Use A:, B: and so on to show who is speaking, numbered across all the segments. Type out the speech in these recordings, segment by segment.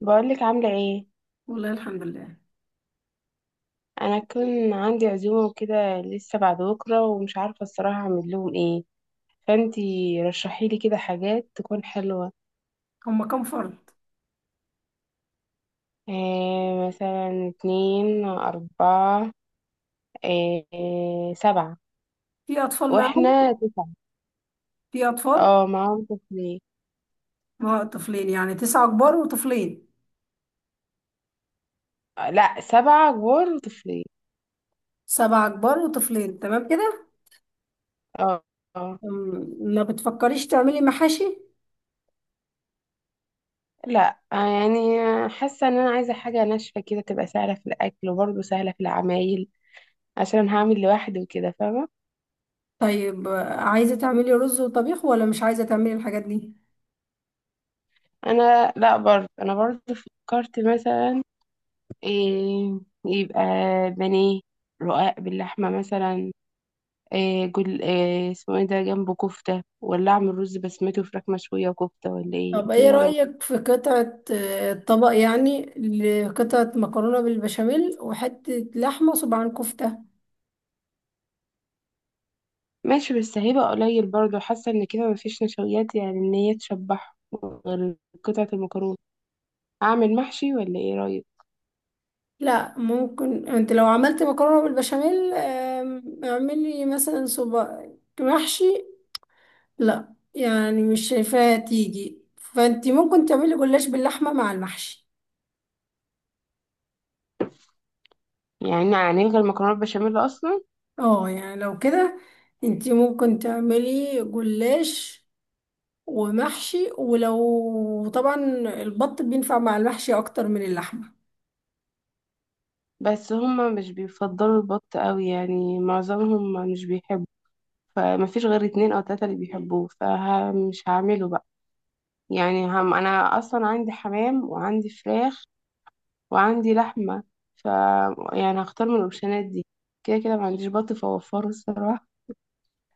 A: بقولك عاملة ايه؟
B: والله الحمد لله.
A: انا كان عندي عزومة وكده لسه بعد بكرة، ومش عارفة الصراحة اعمل لهم ايه. فانتي رشحيلي كده حاجات تكون حلوة.
B: هم كم فرد؟
A: إيه مثلا؟ اتنين، اربعة، إيه، سبعة.
B: في اطفال معاهم؟
A: واحنا تسعة.
B: في اطفال؟
A: اه، معاهم طفلين.
B: ما هو طفلين يعني تسعة كبار وطفلين.
A: لا، سبعة كبار وطفلين.
B: سبعة كبار وطفلين، تمام كده.
A: اه. آه.
B: ما بتفكريش تعملي محاشي؟
A: لا، يعني حاسة ان انا عايزة حاجة ناشفة كده تبقى سهلة في الاكل، وبرضه سهلة في العمايل، عشان هعمل لوحدي وكده، فاهمة؟
B: طيب عايزة تعملي رز وطبيخ ولا مش عايزة تعملي الحاجات دي؟
A: انا لا برضه، انا برضه فكرت مثلا، إيه، يبقى بانيه، رقاق باللحمه مثلا، إيه جل إيه اسمه ايه ده جنبه كفته، ولا اعمل رز بسمتي وفراخ مشويه وكفته، ولا ايه
B: طب
A: انت؟ إيه
B: ايه
A: رايك؟
B: رأيك في قطعة طبق يعني، لقطعة مكرونة بالبشاميل وحتة لحمة وصباعين كفتة.
A: ماشي، بس هيبقى قليل برضه، حاسه ان كده مفيش نشويات يعني ان هي تشبعهم، غير قطعه المكرونه. اعمل محشي ولا ايه رايك؟
B: لا، ممكن انت لو عملت مكرونة بالبشاميل اعملي مثلا صباع محشي. لا يعني مش شايفاها تيجي، فانت ممكن تعملي جلاش باللحمه مع المحشي.
A: يعني هنلغي المكرونه البشاميل اصلا؟
B: اه يعني لو كده انت ممكن تعملي جلاش ومحشي، ولو طبعا البط بينفع مع المحشي اكتر من اللحمه.
A: بس هما مش بيفضلوا البط قوي، يعني معظمهم مش بيحبوا. فمفيش غير اتنين او تلاتة اللي بيحبوه، فمش هعمله بقى. يعني هم انا اصلا عندي حمام وعندي فراخ وعندي لحمة، ف يعني هختار من الاوبشنات دي. كده كده ما عنديش بط فوفره الصراحة.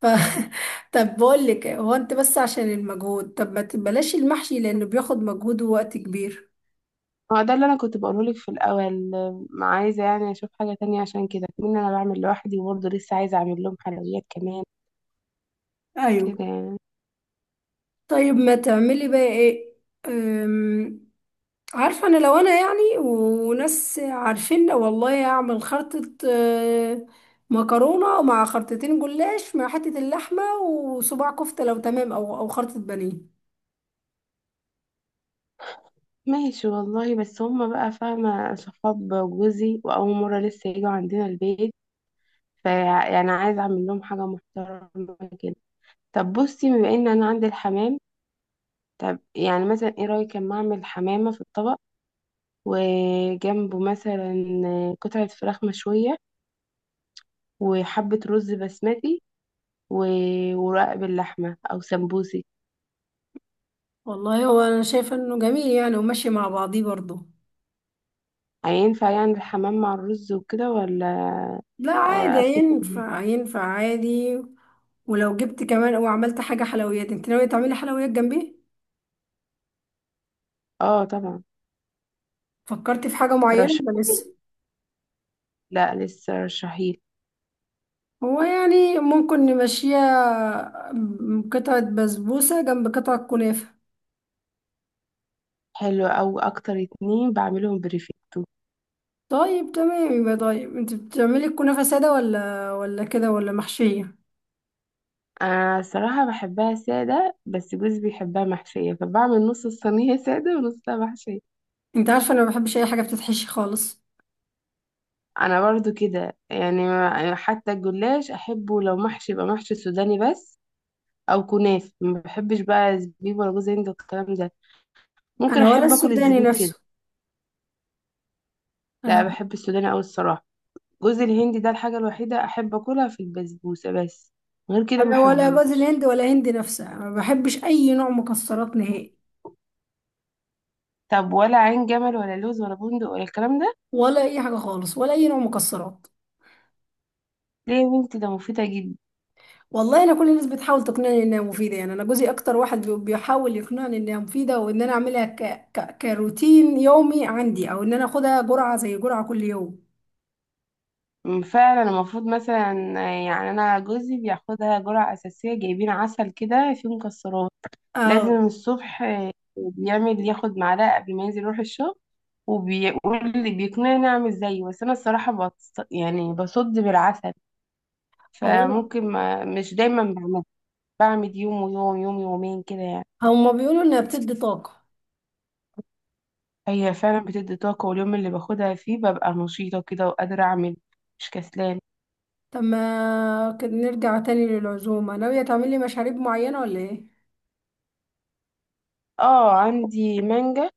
B: ف... طب بقول لك، هو انت بس عشان المجهود، طب ما تبلاش المحشي لانه بياخد مجهود ووقت كبير.
A: هو ده اللي انا كنت بقوله لك في الاول. ما عايزة يعني اشوف حاجة تانية، عشان كده من انا بعمل لوحدي، وبرضه لسه عايزة اعمل لهم حلويات كمان
B: ايوه.
A: كده يعني.
B: طيب ما تعملي بقى ايه؟ عارفة أنا لو أنا يعني وناس عارفين، والله أعمل خرطة، مكرونة مع خرطتين جلاش مع حتة اللحمة وصباع كفتة لو تمام، أو خرطة بانيه.
A: ماشي والله، بس هما بقى فاهمة صحاب جوزي، وأول مرة لسه يجوا عندنا البيت، فيعني عايزة أعمل لهم حاجة محترمة كده. طب بصي، بما إن أنا عندي الحمام، طب يعني مثلا إيه رأيك أما أعمل حمامة في الطبق، وجنبه مثلا قطعة فراخ مشوية، وحبة رز بسمتي، ورق باللحمة أو سمبوسي.
B: والله هو أنا شايفة إنه جميل يعني وماشي مع بعضيه برضه.
A: هينفع يعني الحمام مع الرز وكده، ولا؟
B: لا عادي،
A: أفكس.
B: هينفع هينفع عادي. ولو جبت كمان وعملت حاجة حلويات، انت ناوية تعملي حلويات جنبيه؟
A: اه طبعا.
B: فكرتي في حاجة معينة
A: ترشحي؟
B: ولا لسه؟
A: لا لسه رشحيلي.
B: هو يعني ممكن نمشيها، قطعة بسبوسة جنب قطعة كنافة.
A: حلو، أو أكتر اتنين بعملهم بريفيتو.
B: طيب تمام، يبقى طيب انت بتعملي الكنافة سادة ولا كده ولا محشية؟
A: أنا الصراحة بحبها سادة، بس جوزي بيحبها محشية، فبعمل نص الصينية سادة ونصها محشية.
B: انت عارفة انا ما بحبش اي حاجة بتتحشي خالص.
A: أنا برضو كده، يعني حتى الجلاش أحبه لو محشي يبقى محشي سوداني بس، أو كنافة ما بحبش بقى زبيب ولا جوز هند والكلام ده. ممكن
B: انا ولا
A: أحب أكل
B: السوداني
A: الزبيب كده.
B: نفسه.
A: لا،
B: انا
A: بحب السوداني أوي الصراحة. جوز الهندي ده الحاجة الوحيدة أحب أكلها في البسبوسة بس، غير كده ما
B: انا ولا جوز
A: أحبوش.
B: الهند ولا هند نفسها، انا ما بحبش اي نوع مكسرات نهائي.
A: طب ولا عين جمل ولا لوز ولا بندق ولا الكلام ده؟
B: ولا اي حاجة خالص، ولا اي نوع مكسرات.
A: ليه يا بنتي، ده مفيدة جدا.
B: والله انا كل الناس بتحاول تقنعني انها مفيدة، يعني انا جوزي اكتر واحد بيحاول يقنعني انها مفيدة وان انا اعملها كروتين يومي عندي، او ان انا اخدها جرعة زي جرعة كل يوم.
A: فعلا المفروض، مثلا يعني انا جوزي بياخدها جرعة اساسية، جايبين عسل كده فيه مكسرات،
B: اه.
A: لازم الصبح. بيعمل ياخد معلقة قبل ما ينزل يروح الشغل، وبيقول لي بيقنعني اعمل زيه، بس انا الصراحة بص يعني بصد بالعسل،
B: هو
A: فممكن، ما مش دايما بعمل، بعمل يوم، ويوم يوم يومين كده يعني.
B: هما بيقولوا انها بتدي طاقة.
A: هي فعلا بتدي طاقة، واليوم اللي باخدها فيه ببقى نشيطة كده وقادرة اعمل، مش كسلانة.
B: طب ما كده نرجع تاني للعزومة، ناوية تعملي مشاريب معينة ولا ايه؟
A: اه عندي مانجا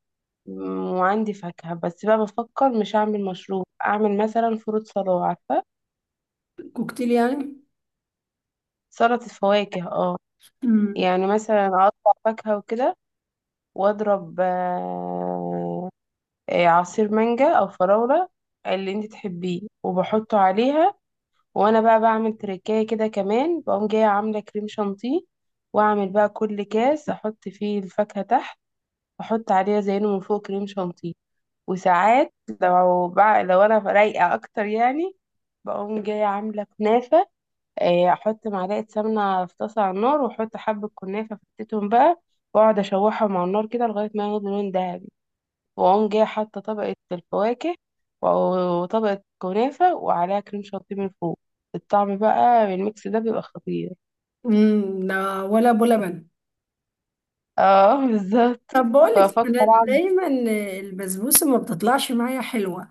A: وعندي فاكهة، بس بقى بفكر مش أعمل مشروب، أعمل مثلا فروت صلاة، عارفة؟
B: كوكتيل يعني؟
A: سلطة فواكه، اه.
B: امم.
A: يعني مثلا أقطع فاكهة وكده، وأضرب عصير مانجا أو فراولة، اللي انت تحبيه، وبحطه عليها. وأنا بقى بعمل تركاية كده كمان، بقوم جاية عاملة كريم شانتيه، وأعمل بقى كل كاس أحط فيه الفاكهة تحت، أحط عليها زينه من فوق كريم شانتيه. وساعات لو بقى، لو انا رايقه اكتر يعني، بقوم جايه عامله كنافه، احط معلقه سمنه في طاسه على النار، واحط حبه كنافه فكتتهم بقى، واقعد اشوحهم على النار كده لغايه ما ياخدوا لون ذهبي، واقوم جايه حاطه طبقه الفواكه، و- وطبقه كنافه، وعليها كريم شانتيه من فوق. الطعم بقى بالميكس ده بيبقى خطير.
B: امم، ده ولا ابو لبن؟
A: اه بالظبط.
B: طب بقولك انا
A: ففكر.
B: دايما البسبوسة ما بتطلعش معايا حلوة.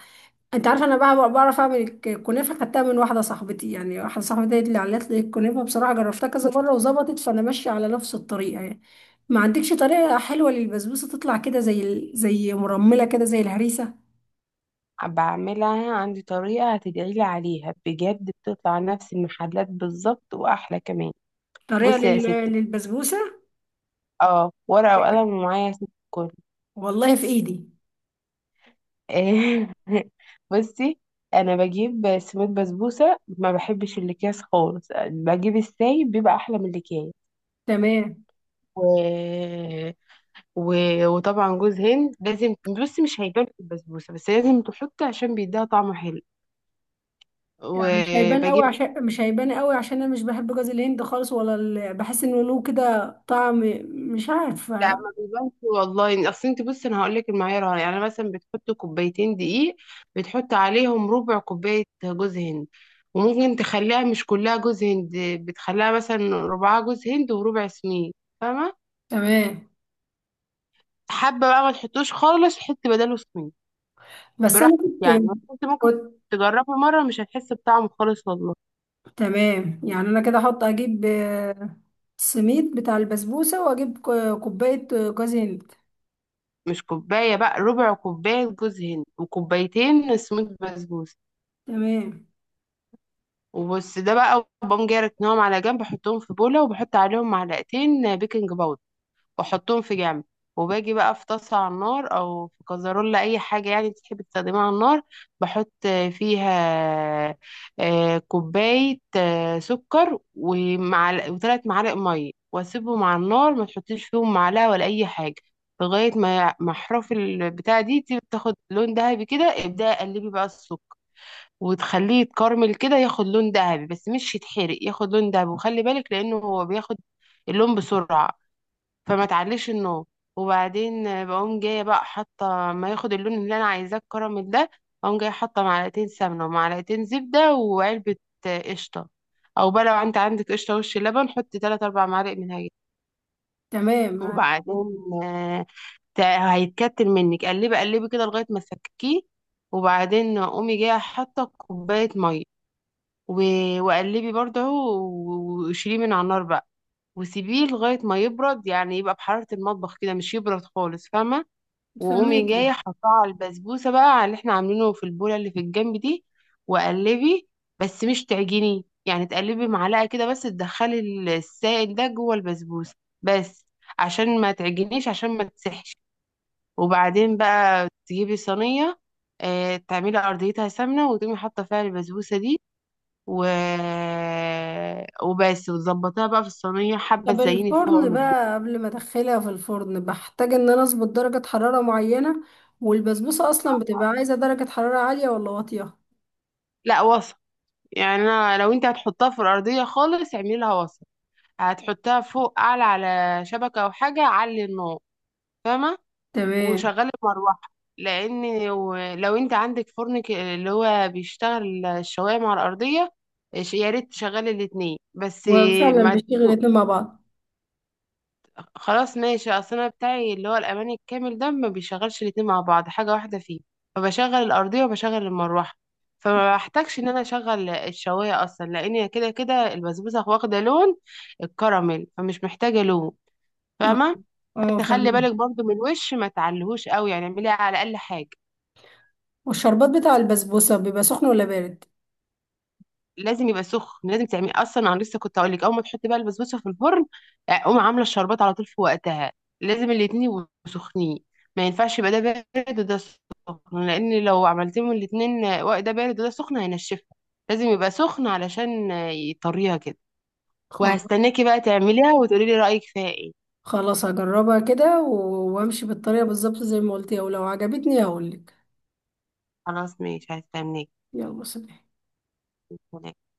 B: انت عارفة انا بقى بعرف اعمل الكنافة، خدتها من واحدة صاحبتي، يعني واحدة صاحبتي هي اللي علت لي الكنافة، بصراحة جربتها كذا مرة وظبطت فانا ماشية على نفس الطريقة يعني. ما عندكش طريقة حلوة للبسبوسة تطلع كده زي زي مرملة كده زي الهريسة؟
A: بعملها عندي طريقة هتدعيلي عليها بجد، بتطلع نفس المحلات بالظبط وأحلى كمان.
B: طريقة
A: بصي يا ستي،
B: لل- للبسبوسة.
A: اه، ورقة وقلم ومعايا يا ستي الكل.
B: والله في ايدي.
A: بصي، أنا بجيب سميد بسبوسة، ما بحبش الأكياس خالص، بجيب السايب بيبقى أحلى من الأكياس.
B: تمام.
A: و... و... وطبعا جوز هند لازم. بصي مش هيبان في البسبوسة، بس لازم تحطي عشان بيديها طعم حلو.
B: يعني مش هيبان قوي؟
A: وبجيب،
B: عشان مش هيبان قوي عشان انا مش بحب جوز الهند خالص، ولا بحس انه له كده طعم، مش
A: لا
B: عارفه.
A: ما بيبانش والله، اصل انت بصي انا هقول لك المعيار، يعني مثلا بتحط كوبايتين دقيق، بتحط عليهم ربع كوبايه جوز هند، وممكن تخليها مش كلها جوز هند، بتخليها مثلا ربعها جوز هند وربع سمين، فاهمه؟
B: تمام.
A: حابه بقى ما تحطوش خالص، حطي بداله سمين،
B: بس
A: براحتك.
B: انا كنت
A: يعني بس انت ممكن
B: كنت
A: تجربي مره، مش هتحسي بطعمه خالص والله.
B: تمام، يعني انا كده احط، اجيب السميد بتاع البسبوسه واجيب كوبايه جوز هند.
A: مش كوبايه بقى، ربع كوبايه جوز هند وكوبايتين سميد بسبوسه
B: تمام.
A: وبس. ده بقى بقوم جاي راكنهم على جنب، بحطهم في بولة وبحط عليهم معلقتين بيكنج باودر، واحطهم في جنب، وباجي بقى في طاسة على النار، او في كزرولة، اي حاجة يعني تحب تستخدمها على النار، بحط فيها كوباية سكر ومعلقة وثلاث معالق مية، واسيبهم على النار، ما تحطيش فيهم معلقة ولا اي حاجة، لغاية ما احراف البتاع دي تاخد لون ذهبي كده، ابدأي قلبي بقى السكر، وتخليه يتكرمل كده ياخد لون ذهبي، بس مش يتحرق، ياخد لون ذهبي، وخلي بالك لانه هو بياخد اللون بسرعة، فما تعليش النار. وبعدين بقوم جاية بقى حاطة، ما ياخد اللون اللي انا عايزاه الكراميل ده، اقوم جاية حاطة معلقتين سمنة ومعلقتين زبدة وعلبة قشطة. او بقى لو انت عندك قشطة وش لبن، حطي تلات اربع معالق منها جاي.
B: تمام.
A: وبعدين آه، هيتكتل منك، قلبي قلبي كده لغاية ما تفككيه. وبعدين قومي جاية حاطة كوباية مية، و... وقلبي برضه، وشيليه من على النار بقى، وسيبيه لغاية ما يبرد، يعني يبقى بحرارة المطبخ كده، مش يبرد خالص، فاهمة؟ وقومي
B: فهماك.
A: جاية حطاه على البسبوسة بقى، على اللي احنا عاملينه في البولة اللي في الجنب دي، وقلبي، بس مش تعجني، يعني تقلبي معلقة كده بس، تدخلي السائل ده جوه البسبوسة بس، عشان ما تعجنيش، عشان ما تسحش. وبعدين بقى تجيبي صينية، تعملي أرضيتها سمنة، وتقومي حاطة فيها البسبوسة دي، و... وبس، وتظبطها بقى في الصينية، حبة
B: طب
A: تزيني فوق
B: الفرن
A: من البيض.
B: بقى، قبل ما ادخلها في الفرن بحتاج ان انا اظبط درجة حرارة معينة؟ والبسبوسة اصلا بتبقى عايزة درجة حرارة عالية ولا واطية؟
A: لا وسط، يعني أنا لو انت هتحطها في الأرضية خالص، اعملي لها وسط، هتحطها فوق أعلى على شبكة أو حاجة علي النار، فاهمة؟
B: تمام.
A: وشغلي المروحة، لأن لو انت عندك فرن اللي هو بيشتغل الشواية مع الأرضية، يا ريت تشغلي الاتنين بس.
B: وفعلا
A: ما
B: بيشتغل الاتنين مع بعض.
A: خلاص ماشي، اصل انا بتاعي اللي هو الاماني الكامل ده ما بيشغلش الاتنين مع بعض، حاجه واحده فيه، فبشغل الارضيه وبشغل المروحه، فما بحتاجش ان انا اشغل الشوايه اصلا، لان كده كده البسبوسه واخده لون الكراميل، فمش محتاجه لون،
B: اه.
A: فاهمه؟ فانت خلي
B: فاهم.
A: بالك برضو من الوش، ما تعلهوش قوي، يعني اعمليها على اقل حاجه.
B: والشربات بتاع البسبوسة بيبقى سخن ولا بارد؟
A: لازم يبقى سخن، لازم تعملي اصلا، انا لسه كنت اقول لك، اول ما تحطي بقى البسبوسه في الفرن، قومي عامله الشربات على طول في وقتها، لازم الاتنين يبقوا سخنين، ما ينفعش يبقى ده بارد وده سخن، لان لو عملتيهم الاتنين وقت ده بارد وده سخن هينشفها، لازم يبقى سخن علشان يطريها كده.
B: خلاص.
A: وهستناكي بقى تعمليها وتقولي لي رايك فيها ايه.
B: خلاص هجربها كده وامشي بالطريقة بالظبط زي ما قلتي، ولو عجبتني هقولك.
A: خلاص ماشي، هستناكي.
B: يلا سلام.